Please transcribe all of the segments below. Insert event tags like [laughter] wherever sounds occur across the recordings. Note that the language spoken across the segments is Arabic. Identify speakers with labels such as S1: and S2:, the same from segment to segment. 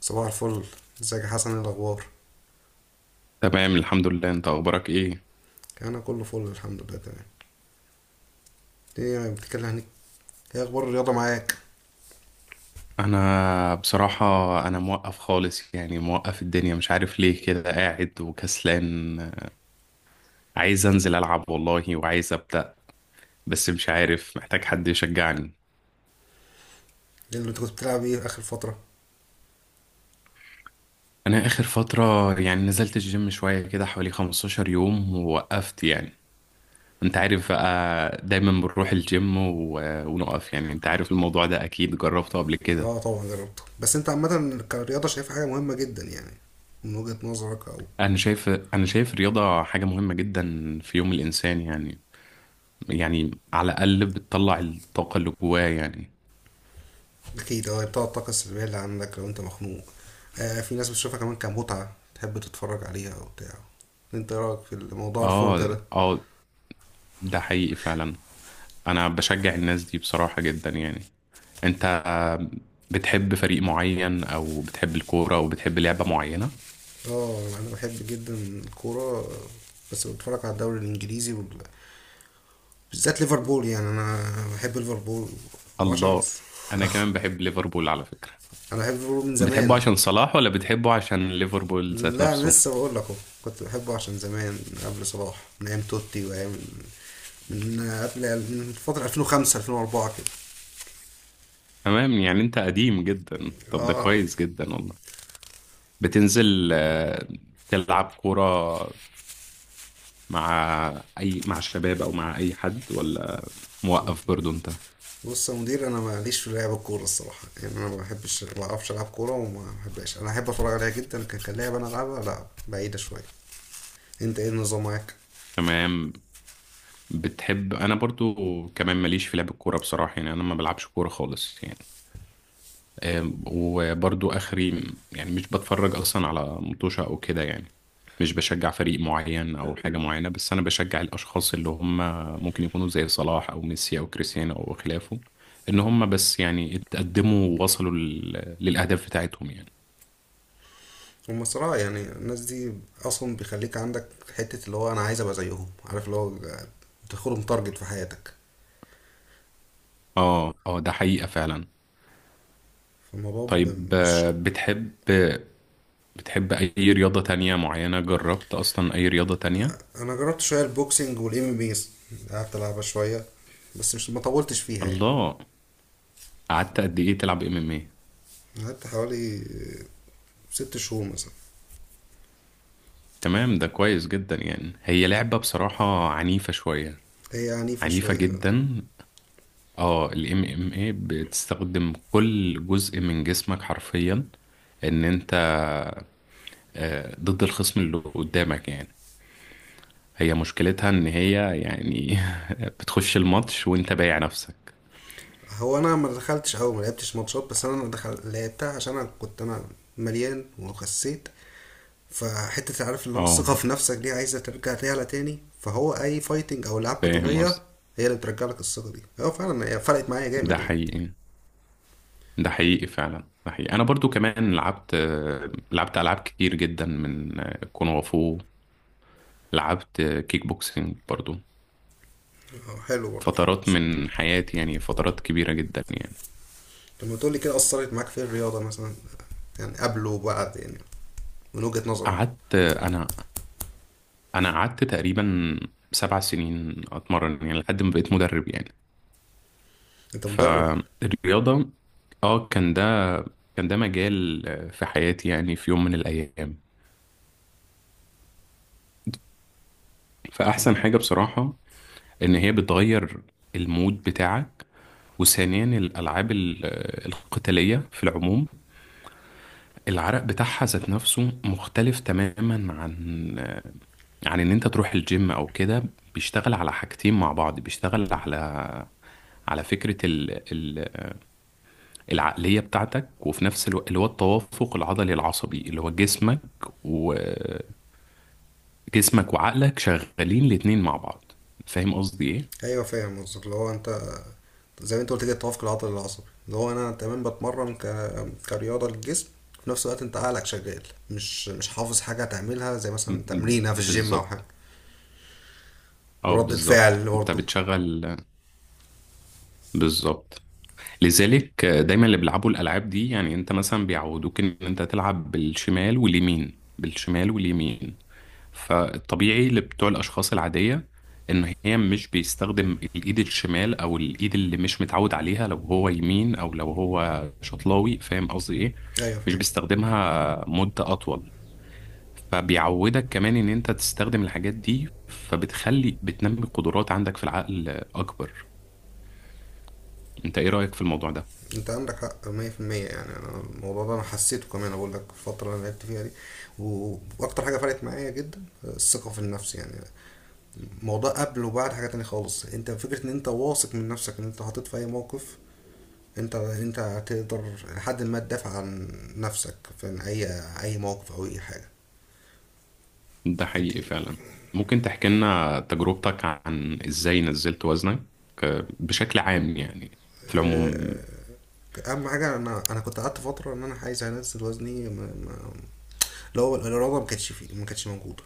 S1: صباح الفل. ازيك يا حسن؟ ايه الاخبار؟
S2: تمام، الحمد لله. انت اخبارك ايه؟
S1: انا كله فل الحمد لله تمام. ايه يعني بتتكلم عن ايه؟ إيه اخبار الرياضه معاك؟
S2: انا بصراحة، انا موقف خالص يعني، موقف الدنيا مش عارف ليه كده قاعد وكسلان. عايز انزل العب والله، وعايز ابدأ، بس مش عارف، محتاج حد يشجعني.
S1: إيه اللي انت كنت بتلعب ايه اخر فتره؟
S2: انا اخر فترة يعني نزلت الجيم شوية كده حوالي 15 يوم ووقفت يعني. انت عارف بقى، دايما بنروح الجيم ونقف يعني. انت عارف الموضوع ده اكيد جربته قبل كده.
S1: اه طبعا جربته، بس انت عامه كرياضه شايف حاجه مهمه جدا يعني، من وجهه نظرك او...
S2: انا شايف الرياضة حاجة مهمة جدا في يوم الانسان يعني. يعني على الأقل بتطلع الطاقة اللي جواه يعني.
S1: اكيد، اه بتاع الطاقه السلبيه اللي عندك لو انت مخنوق. آه، في ناس بتشوفها كمان كمتعه، تحب تتفرج عليها او بتاع. انت إيه رايك في موضوع الفرجه
S2: اه،
S1: ده؟
S2: اه، ده حقيقي فعلا. أنا بشجع الناس دي بصراحة جدا يعني. أنت، بتحب فريق معين أو بتحب الكورة أو بتحب لعبة معينة؟
S1: اه انا بحب جدا الكوره، بس بتفرج على الدوري الانجليزي بالذات ليفربول، يعني انا بحب ليفربول. هو عشان
S2: الله.
S1: [laughs]
S2: أنا كمان بحب ليفربول على فكرة.
S1: [applause] انا بحب ليفربول من
S2: بتحبه
S1: زمان.
S2: عشان صلاح ولا بتحبه عشان ليفربول ذات
S1: لا،
S2: نفسه؟
S1: لسه بقول لك اهو. كنت بحبه عشان زمان، من قبل صلاح، من ايام توتي، وايام من قبل، من فترة 2005 2004 كده.
S2: تمام، يعني أنت قديم جدا. طب ده
S1: اه.
S2: كويس جدا والله. بتنزل تلعب كورة مع مع الشباب أو مع أي حد، ولا موقف برضو انت؟
S1: بص يا مدير، انا ماليش في لعب الكوره الصراحه، يعني انا ما بحبش، ما بعرفش العب كوره وما بحبش، انا احب اتفرج عليها جدا. كان لعب، انا العبها لا، بعيده شويه. انت ايه النظام معاك؟
S2: تمام. انا برضو كمان ماليش في لعب الكوره بصراحه، يعني انا ما بلعبش كوره خالص يعني. وبرضو اخري يعني مش بتفرج اصلا على مطوشه او كده يعني، مش بشجع فريق معين او حاجه معينه. بس انا بشجع الاشخاص اللي هم ممكن يكونوا زي صلاح او ميسي او كريستيانو او خلافه، ان هم بس يعني اتقدموا ووصلوا للاهداف بتاعتهم يعني.
S1: هم صراحة يعني الناس دي أصلا بيخليك عندك حتة اللي هو أنا عايز أبقى زيهم، عارف اللي هو بتاخدهم تارجت في حياتك.
S2: اه، اه، ده حقيقه فعلا.
S1: فالموضوع
S2: طيب،
S1: مش...
S2: بتحب أي رياضة تانية معينة؟ جربت أصلا أي رياضة تانية؟
S1: أنا جربت شوية البوكسنج والإم ام بيز، قعدت ألعبها شوية، بس مش، ما طولتش فيها يعني.
S2: الله. قعدت قد إيه تلعب ام ام ايه؟
S1: قعدت حوالي ست شهور مثلا.
S2: تمام، ده كويس جدا يعني. هي لعبة بصراحة عنيفة شوية.
S1: هي عنيفة
S2: عنيفة
S1: شوية.
S2: جدا. اه، الام ام ايه بتستخدم كل جزء من جسمك حرفيا، ان انت ضد الخصم اللي قدامك يعني. هي مشكلتها ان هي يعني [laughs] بتخش الماتش وانت بايع نفسك.
S1: هو أنا ما دخلتش أوي، ما لعبتش ماتشات، بس لعبتها عشان أنا كنت أنا مليان وخسيت. فحتة عارف اللي هو
S2: اه،
S1: الثقة في نفسك دي عايزة ترجع تعلى تاني، فهو أي فايتنج أو ألعاب
S2: فاهم
S1: قتالية
S2: قصدك.
S1: هي اللي بترجع لك الثقة دي، هو فعلا هي فرقت معايا
S2: ده
S1: جامد يعني.
S2: حقيقي، ده حقيقي فعلا. ده حقيقي، انا برضو كمان لعبت العاب كتير جدا، من كونغ فو، لعبت كيك بوكسينج برضو،
S1: اه حلو برضه كيكو.
S2: فترات من حياتي يعني فترات كبيرة جدا يعني.
S1: لما تقولي كده أثرت معاك في الرياضة مثلا، يعني قبل وبعد يعني، من وجهة نظرك.
S2: قعدت انا انا قعدت تقريبا 7 سنين اتمرن يعني لحد ما بقيت مدرب يعني.
S1: أنت مدرب.
S2: فالرياضة، اه، كان ده مجال في حياتي يعني، في يوم من الايام. فاحسن حاجة بصراحة ان هي بتغير المود بتاعك. وثانيا الألعاب القتالية في العموم، العرق بتاعها ذات نفسه مختلف تماما عن إن أنت تروح الجيم أو كده. بيشتغل على حاجتين مع بعض، بيشتغل على فكرة العقلية بتاعتك، وفي نفس الوقت اللي هو التوافق العضلي العصبي، اللي هو جسمك وجسمك وعقلك شغالين الاتنين مع بعض. فاهم قصدي ايه؟
S1: أيوة فاهم قصدك، اللي هو أنت زي ما أنت قلت كده التوافق العضلي العصبي، اللي هو أنا تمام بتمرن كرياضة للجسم، في نفس الوقت أنت عقلك شغال، مش حافظ حاجة تعملها زي مثلا تمرينة في الجيم أو حاجة.
S2: بالظبط. اه،
S1: ورد
S2: بالظبط،
S1: الفعل
S2: انت
S1: برضه.
S2: بتشغل. بالظبط. لذلك دايما اللي بيلعبوا الالعاب دي يعني، انت مثلا بيعودوك ان انت تلعب بالشمال واليمين، بالشمال واليمين. فالطبيعي لبتوع الاشخاص العاديه ان هي مش بيستخدم الايد الشمال، او الايد اللي مش متعود عليها لو هو يمين، او لو هو شطلاوي. فاهم قصدي ايه؟
S1: ايوه
S2: مش
S1: فاهم.
S2: بيستخدمها مده اطول. فبيعودك كمان ان انت تستخدم الحاجات دي، فبتخلي بتنمي قدرات عندك في العقل اكبر. انت ايه رايك في الموضوع ده؟
S1: انت عندك حق 100%، يعني انا الموضوع ده انا حسيته كمان، اقول لك في الفتره اللي أنا لعبت فيها دي، واكتر حاجه فرقت معايا جدا الثقه في النفس يعني. الموضوع قبل وبعد حاجه تانية خالص، انت فكره ان انت واثق من نفسك، ان انت حاطط في اي موقف انت هتقدر لحد ما تدافع عن نفسك في اي موقف او اي حاجه.
S2: ده حقيقي
S1: فدي-
S2: فعلا. ممكن تحكي لنا تجربتك عن ازاي نزلت وزنك بشكل عام يعني، في العموم؟
S1: آه، اهم حاجه، انا كنت قعدت فتره ان انا عايز انزل وزني، ما ما اللي هو الاراده ما كانتش فيه، ما كانتش موجوده.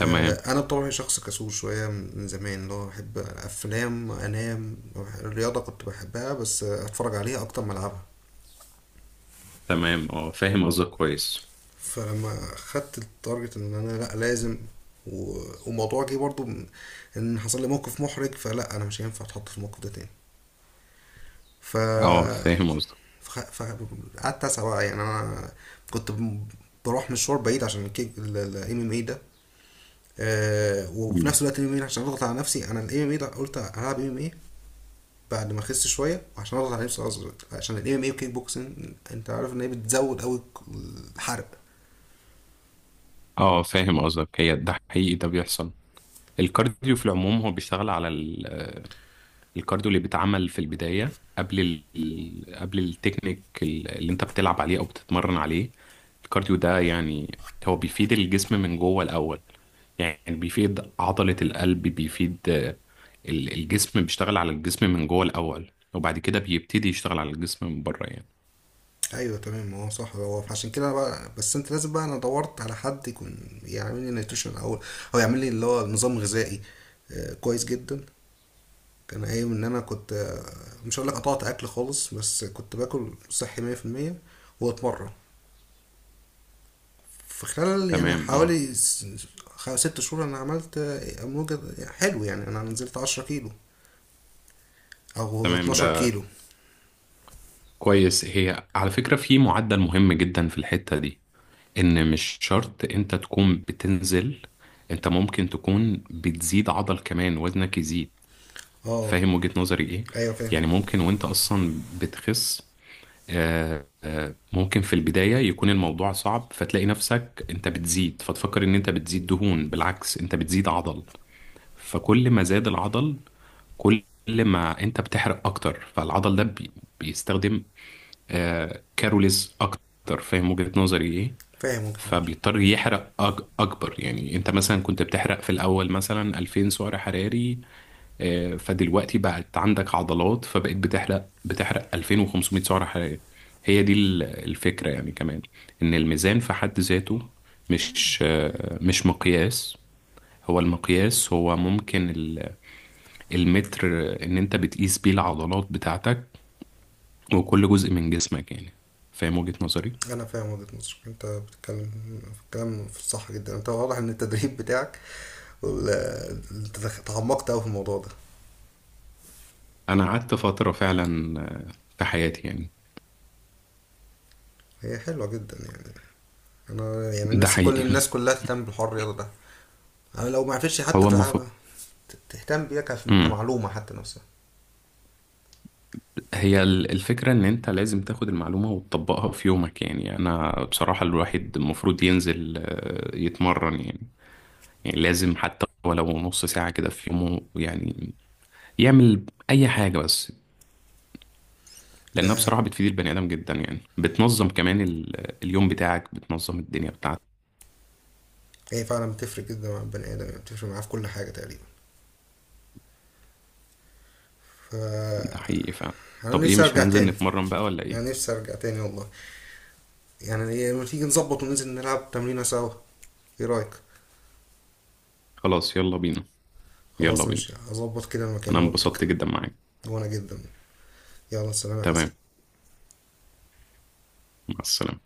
S1: انا بطبعي شخص كسول شويه من زمان، اللي هو احب افلام انام. الرياضه كنت بحبها بس اتفرج عليها اكتر ما العبها.
S2: تمام، اه، فاهم قصدك كويس.
S1: فلما خدت التارجت ان انا لا لازم، وموضوع جه برضو ان حصل لي موقف محرج، فلا انا مش هينفع اتحط في الموقف ده تاني. ف
S2: اه، فاهم قصدك.
S1: فقعدت اسعى بقى، يعني انا كنت ب- بروح مشوار بعيد عشان الكيك الام ام اي ده. وفي
S2: مم.
S1: نفس الوقت الام ام اي عشان اضغط على نفسي، انا الام ام اي ده قلت هلعب ام ام اي بعد ما اخس شويه، وعشان اضغط على نفسي اصغر عشان الام ام اي والكيك بوكسنج. انت عارف ان هي بتزود قوي الحرق.
S2: اه، فاهم قصدك. هي ده حقيقي، ده بيحصل. الكارديو في العموم هو بيشتغل على الكارديو اللي بيتعمل في البداية قبل قبل التكنيك اللي انت بتلعب عليه او بتتمرن عليه. الكارديو ده يعني هو بيفيد الجسم من جوه الاول، يعني بيفيد عضلة القلب، بيفيد الجسم، بيشتغل على الجسم من جوه الأول، وبعد كده بيبتدي يشتغل على الجسم من بره يعني.
S1: ايوه تمام، هو صح، هو عشان كده أنا بقى، بس انت لازم بقى. انا دورت على حد يكون يعمل لي نيوتريشن او او يعمل لي اللي هو نظام غذائي كويس جدا. كان قايم ان انا كنت، مش هقولك قطعت اكل خالص، بس كنت باكل صحي مية في المية واتمرن. في خلال يعني
S2: تمام، اه.
S1: حوالي ست شهور انا عملت اموجة حلو، يعني انا نزلت عشرة كيلو او أو
S2: تمام،
S1: اتناشر
S2: ده
S1: كيلو.
S2: كويس. هي على فكرة في معدل مهم جدا في الحتة دي، إن مش شرط أنت تكون بتنزل. أنت ممكن تكون بتزيد عضل كمان، وزنك يزيد.
S1: اه.
S2: فاهم وجهة نظري إيه؟
S1: ايوه فاهم.
S2: يعني ممكن وأنت أصلا بتخس. ممكن في البداية يكون الموضوع صعب، فتلاقي نفسك انت بتزيد، فتفكر ان انت بتزيد دهون، بالعكس انت بتزيد عضل. فكل ما زاد العضل، كل ما انت بتحرق اكتر. فالعضل ده بيستخدم كاروليز اكتر. فاهم وجهة نظري ايه؟
S1: فاهم وجهة نظرك.
S2: فبيضطر يحرق اكبر. يعني انت مثلا كنت بتحرق في الاول مثلا 2000 سعر حراري، فدلوقتي بقت عندك عضلات فبقت بتحرق 2500 سعرة حرارية. هي دي الفكرة يعني كمان، ان الميزان في حد ذاته مش مقياس. هو المقياس هو ممكن المتر ان انت بتقيس بيه العضلات بتاعتك وكل جزء من جسمك يعني. فاهم وجهة نظري؟
S1: انا فاهم وجهة نظرك، انت بتتكلم في الكلام في الصح جدا، انت واضح ان التدريب بتاعك وال- انت تعمقت اوي في الموضوع ده.
S2: انا قعدت فترة فعلا في حياتي يعني.
S1: هي حلوة جدا يعني، انا يعني
S2: ده
S1: نفسي كل
S2: حقيقي.
S1: الناس كلها تهتم بالحوار الرياضة ده. أنا لو ما عرفتش حتى
S2: هو
S1: تلعبها
S2: المفروض.
S1: تهتم بيها كمعلومة حتى نفسها.
S2: هي الفكرة إن أنت لازم تاخد المعلومة وتطبقها في يومك يعني. أنا بصراحة الواحد المفروض ينزل يتمرن يعني. يعني لازم حتى ولو نص ساعة كده في يومه يعني، يعمل أي حاجة بس. لأنها
S1: ده
S2: بصراحة بتفيد البني آدم جدا، يعني بتنظم كمان اليوم بتاعك، بتنظم الدنيا بتاعتك.
S1: هي فعلا بتفرق جدا مع البني آدم، يعني بتفرق معاه في كل حاجة تقريبا.
S2: ده
S1: فأنا
S2: حقيقي فعلا. طب إيه،
S1: نفسي
S2: مش
S1: أرجع
S2: هننزل
S1: تاني،
S2: نتمرن بقى ولا
S1: أنا
S2: إيه؟
S1: نفسي أرجع تاني والله. يعني إيه، لما تيجي نظبط وننزل نلعب تمرينة سوا؟ إيه رأيك؟
S2: خلاص، يلا بينا. يلا
S1: خلاص
S2: بينا.
S1: ماشي، هظبط كده مكان
S2: أنا
S1: أقولك.
S2: انبسطت جدا معاك.
S1: وأنا جدا. يلا سلام يا حسن.
S2: تمام. مع السلامة.